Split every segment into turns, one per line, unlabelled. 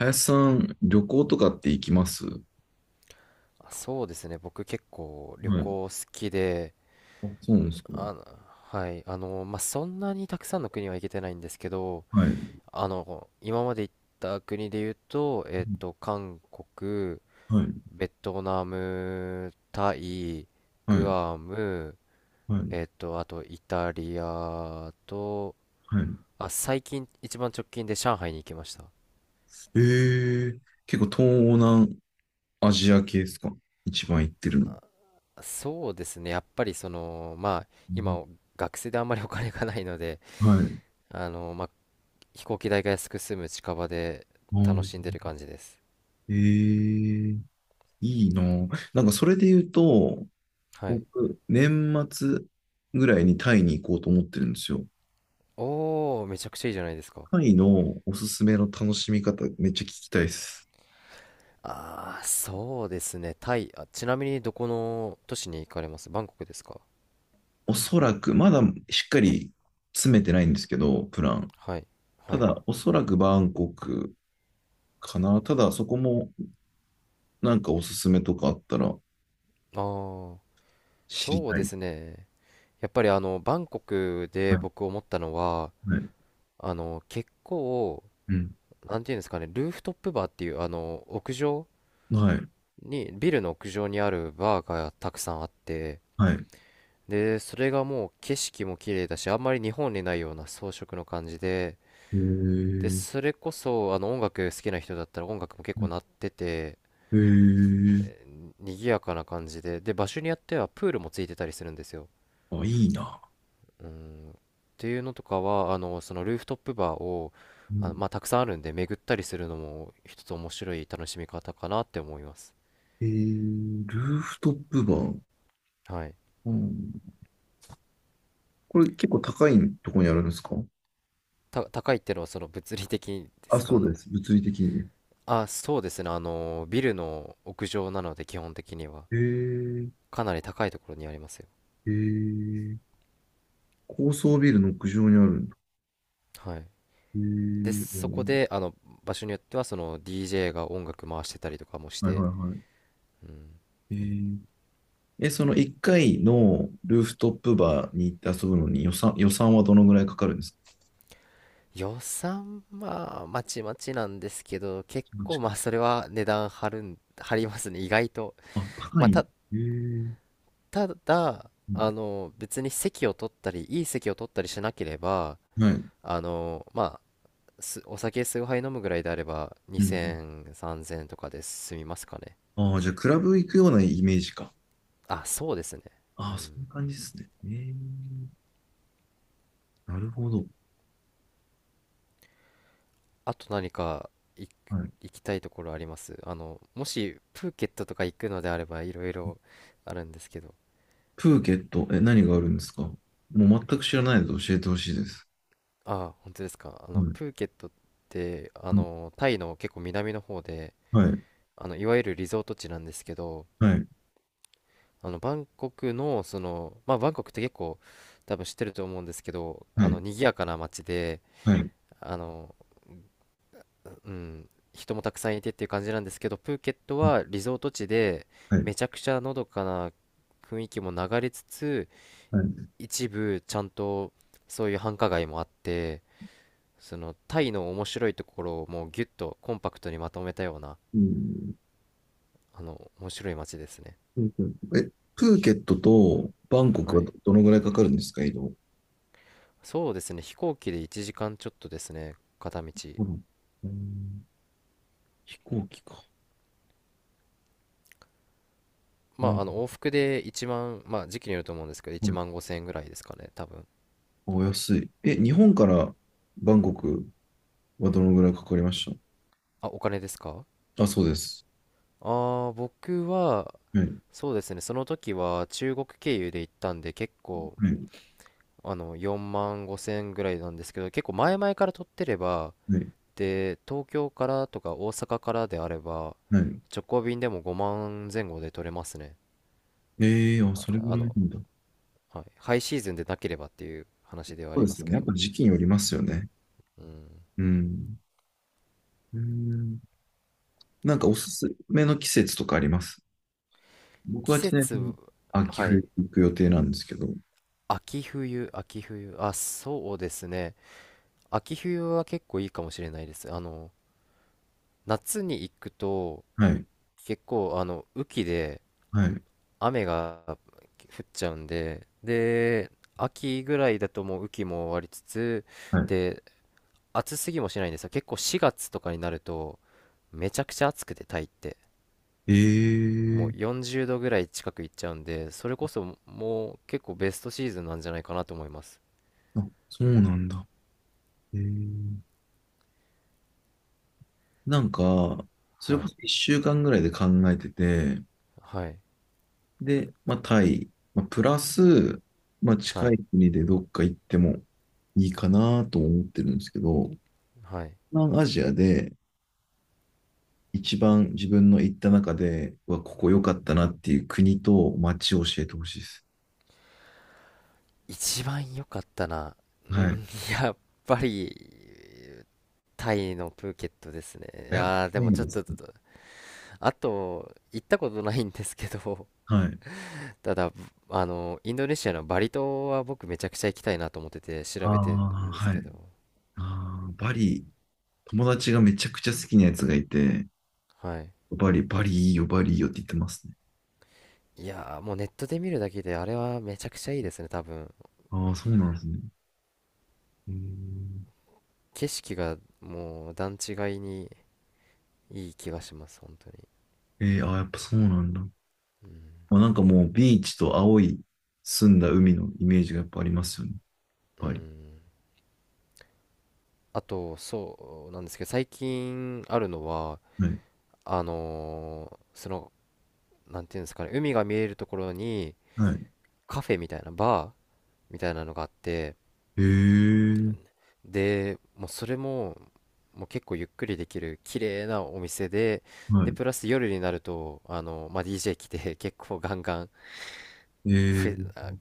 林さん、旅行とかって行きます？は
あそうですね。僕結構旅
い。
行好きで、
あ、そうなんですか。
はい、まあ、そんなにたくさんの国は行けてないんですけど、
はい。
今まで行った国で言うと、韓国、
はい。
ベトナム、タイ、
は
グ
い。
アム、
はい。
あとイタリアと、
はい。
あ、最近一番直近で上海に行きました。
えー、結構東南アジア系ですか、一番行ってるの？
そうですね。やっぱりまあ、
うん。
今、学生であんまりお金がないので、
はい。
まあ、飛行機代が安く済む近場で
う
楽
ん。
しんでる感じです。
えー、いいなぁ。なんかそれで言うと、
はい。
僕、年末ぐらいにタイに行こうと思ってるんですよ。
おー、めちゃくちゃいいじゃないですか。
タイのおすすめの楽しみ方、めっちゃ聞きたいです。
あー、そうですね。タイ。あ、ちなみにどこの都市に行かれます？バンコクですか？
おそらく、まだしっかり詰めてないんですけど、プラン。
はい。
た
はい。
だ、おそらくバンコクかな。ただ、そこもなんかおすすめとかあったら
ああ、
知り
そう
たい
で
です。
すね。やっぱりバンコクで
はい。
僕思ったのは、
はい。
結構、
うん。
なんていうんですかね、ルーフトップバーっていう、屋上
はい。
に、ビルの屋上にあるバーがたくさんあって、
はい。
で、それがもう景色も綺麗だし、あんまり日本にないような装飾の感じで、
へえ。う
で、それこそ、音楽好きな人だったら音楽も結構鳴っ
ん。
てて、
へえ。
賑やかな感じで、で、場所によってはプールもついてたりするんですよ。
あ、いいな。
うん。っていうのとかは、そのルーフトップバーを、
うん、
まあ、たくさんあるんで、巡ったりするのも一つ面白い楽しみ方かなって思います。
えー、ルーフトップバー。
はい。
うん。これ結構高いところにあるんですか？
高いってのはその物理的で
あ、
す
そ
か、
うです。物理的にね。
あ、そうですね。ビルの屋上なので、基本的には。
へえ。
かなり高いところにありますよ。
へえ。高層ビルの屋上にあるんだ。
はい。
へえ。う
で、そこ
ん。
で、場所によっては、その DJ が音楽回してたりとかもし
はいは
て、
いは
うん。
い。へえ。え、その1回のルーフトップバーに行って遊ぶのに予算はどのぐらいかかるんですか？
予算、まあ、まちまちなんですけど、結
マジ
構、ま
か。
あ、それは値段張るん、張りますね、意外と。
あ、高
まあ、
い。へえ。
ただ、
うん。
別に席を取ったり、いい席を取ったりしなければ、
はい。うん。
まあ、お酒数杯飲むぐらいであれば、
うん。
2000、3000とかで済みますかね。
ああ、じゃあ、クラブ行くようなイメージか。
あ、そうですね。う
ああ、そん
ん。
な感じですね。ええ。なるほど。
あと何か行き
はい。
行きたいところあります？もしプーケットとか行くのであればいろいろあるんですけど。
プーケット、え、何があるんですか？もう全く知らないので教えてほしいです。
ああ、本当ですか。
はい。
プーケットって、タイの結構南の方で、
はい。
いわゆるリゾート地なんですけど、
はい。
バンコクの、その、まあ、バンコクって結構多分知ってると思うんですけど、
はい。
賑やかな街で、
はい。はい。
あの、うん、人もたくさんいてっていう感じなんですけど、プーケットはリゾート地で、
はい。
めちゃくちゃのどかな雰囲気も流れつつ、
はい。
一部ちゃんとそういう繁華街もあって、そのタイの面白いところをもうギュッとコンパクトにまとめたような、
うん。
面白い街ですね。
プーケットとバンコク
は
は
い。
どのぐらいかかるんですか、移動？
そうですね、飛行機で1時間ちょっとですね、片道。
うん、うん。飛行機か。う
まあ、
ん、
往復で1万、まあ、時期によると思うんですけど、1
はい。
万5千円ぐらいですかね、多分。
お安い。え、日本からバンコクはどのぐらいかかりまし
あ、お金ですか？
た？あ、そうです。
ああー、僕は、
はい。
そうですね、その時は中国経由で行ったんで、結構、
はい。
4万5千ぐらいなんですけど、結構前々から取ってれば、
はい。
で、東京からとか大阪からであれば、
はい。
直行便でも5万前後で取れますね。
ええー、あ、
あ、
それぐらいなんだ。
はい、ハイシーズンでなければっていう話ではあ
そ
り
うで
ま
す
す
よ
け
ね。やっ
ど。
ぱ時期によりますよね。うん。うん。なんかおすすめの季節とかあります？僕
季
はちなみに
節、
秋
はい、
冬行く予定なんですけど。
秋冬、秋冬、あ、そうですね。秋冬は結構いいかもしれないです。夏に行くと、
はい。
結構、雨季で、
はい。
雨が降っちゃうんで、で、秋ぐらいだともう雨季も終わりつつ、
はい。
で、暑すぎもしないんですよ。結構4月とかになると、めちゃくちゃ暑くて、タイって。
ええ
もう
ー、
40度ぐらい近くいっちゃうんで、それこそもう結構ベストシーズンなんじゃないかなと思います。
あ、そうなんだ。ええ、なんか、それ
は
こ
い、
そ1週間ぐらいで考えてて、
はい、
で、まあ、タイ、まあ、プラス、まあ、
は
近い
い、
国でどっか行ってもいいかなと思ってるんですけど、
はい。
東南アジアで一番自分の行った中で、うわ、ここ良かったなっていう国と街を教えてほしいです。
一番良かったな。う
はい。
ん、やっぱり、タイのプーケットですね。い
やっ
やー、で
ぱり
も
なん
ちょっ
です
と、
ね。
あと、行ったことないんですけど、
はい。
ただ、インドネシアのバリ島は僕めちゃくちゃ行きたいなと思ってて
あ
調べてる
あ、
んです
はい。
けど、
ああ、バリ、友達がめちゃくちゃ好きなやつがいて、
はい。
バリ、バリいいよ、バリいいよって言ってますね。
いやー、もうネットで見るだけであれはめちゃくちゃいいですね、多分。
ああ、そうなんですね。うん。
景色がもう段違いにいい気がします、本当に。
えー、あー、やっぱそうなんだ。
うん。
まあ、なんかもうビーチと青い澄んだ海のイメージがやっぱありますよね。
う
やっぱり。
ん。あと、そうなんですけど、最近あるのは、
はい。
その、なんていうんですかね、海が見えるところに
はい。
カフェみたいな、バーみたいなのがあって、
えー、
でもうそれももう結構ゆっくりできる綺麗なお店で、
は
で
い。
プラス夜になるとまあ、DJ 来て 結構ガンガン
え
フ
ー、
ェあ、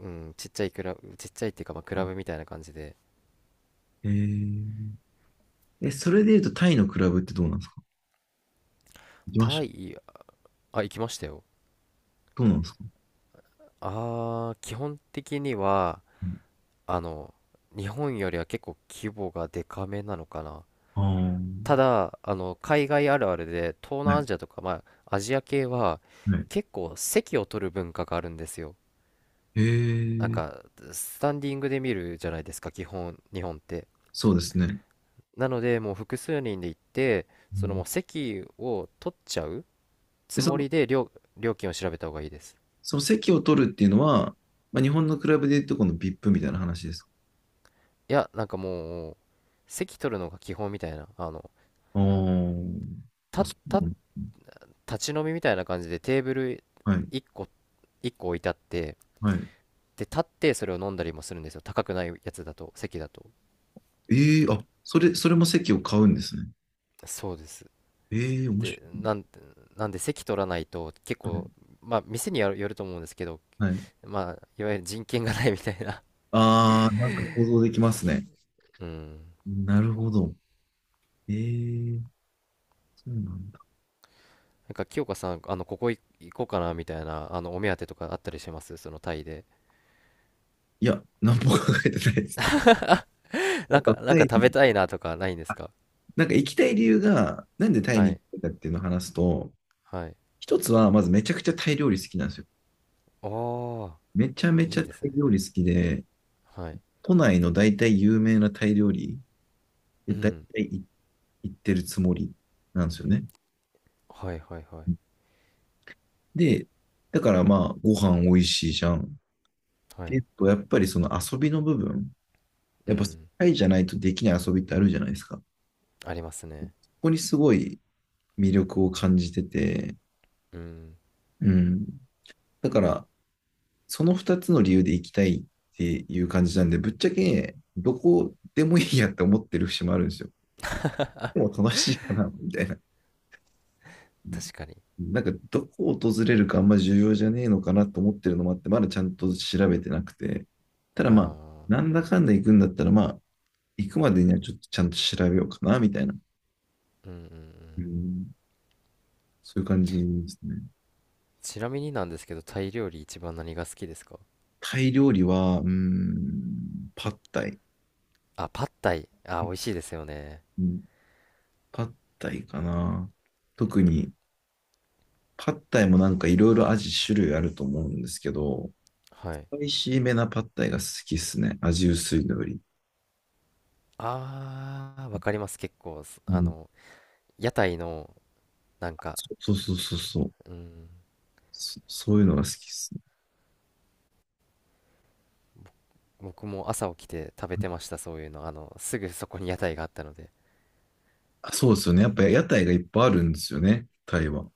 うん、ちっちゃいクラブちっちゃいっていうか、まあ、クラブみたいな感じで。
えー、それで言うとタイのクラブってどうなんですか？行きまし
タ
た？
イ、あ、行きましたよ。
どうなんですか？
あー基本的にはあの日本よりは結構規模がでかめなのかな。
ああー、
ただ海外あるあるで東
は
南ア
い。
ジアとか、まあ、アジア系は
はい。
結構席を取る文化があるんですよ。
え
なん
ー、
かスタンディングで見るじゃないですか、基本日本って。
そうですね。
なのでもう複数人で行って、
う
そのもう
ん。
席を取っちゃうつ
で、そ
も
の、
りで料金を調べた方がいいです。
その席を取るっていうのは、まあ、日本のクラブで言うとこの VIP みたいな話ですか？
いやなんかもう席取るのが基本みたいな
ああー、あ、
た、
そう
た、
なの？
立ち飲みみたいな感じでテーブル
はい。
1個1個置いてあって、
はい。
で立ってそれを飲んだりもするんですよ、高くないやつだと席だと。
ええ、あ、それも席を買うんですね。
そうです。
ええ、面白
で、なんで席取らないと結
い。は
構、
い。
まあ店によると思うんですけど、
はい、
まあ、いわゆる人権がないみたいな。
ああ、なんか想像できますね。
うん。
なるほど。ええ。そうなんだ。
なんか、清香さん、ここい行こうかなみたいな、お目当てとかあったりします？そのタイで。
いや、何も考えてないです。なんか
なん
タ
か
イ
食べ
に、
たいなとかないんです
あ、
か？
なんか行きたい理由が、なんでタイ
は
に行き
い。
たいかっていうのを話すと、
はい。
一つは、まずめちゃくちゃタイ料理好きなんですよ。
ああ、
めちゃめち
い
ゃ
いで
タ
すね。
イ料理好きで、
はい。
都内の大体有名なタイ料理
う
で大
ん。
体行ってるつもりなんですよね。
はいはいはい。
で、だからまあ、ご飯美味しいじゃん。
は
でえ
い。
っと、やっぱりその遊びの部分、
う
やっぱ社
ん。
会じゃないとできない遊びってあるじゃないですか。こ
ありますね。
こにすごい魅力を感じてて、
うん。
うん。だから、その2つの理由で行きたいっていう感じなんで、ぶっちゃけ、どこでもいいやって思ってる節もあるんですよ。でも楽しいかな、みたいな。うん。
確かに。
なんか、どこを訪れるかあんま重要じゃねえのかなと思ってるのもあって、まだちゃんと調べてなくて。ただ
あ
まあ、な
あ。
んだかんだ行くんだったら、まあ、行くまでにはちょっとちゃんと調べようかな、みたいな。
うんうんうん。
うん、そういう感じですね。
ちなみになんですけど、タイ料理一番何が好きですか？
タイ料理は、うん、パッタイ。
あ、パッタイ。あ、美味しいですよね。
うん、パッタイかな。特に、パッタイもなんかいろいろ味種類あると思うんですけど、
はい。
美味しいめなパッタイが好きっすね。味薄いのより。
あー、わかります。結構、す
う
あ
ん、
の、屋台の、なんか、
そうそうそうそう。
うん、
そういうのが好きっすね。
僕も朝起きて食べてました、そういうの。すぐそこに屋台があったので。
あ、そうですよね。やっぱ屋台がいっぱいあるんですよね、タイは。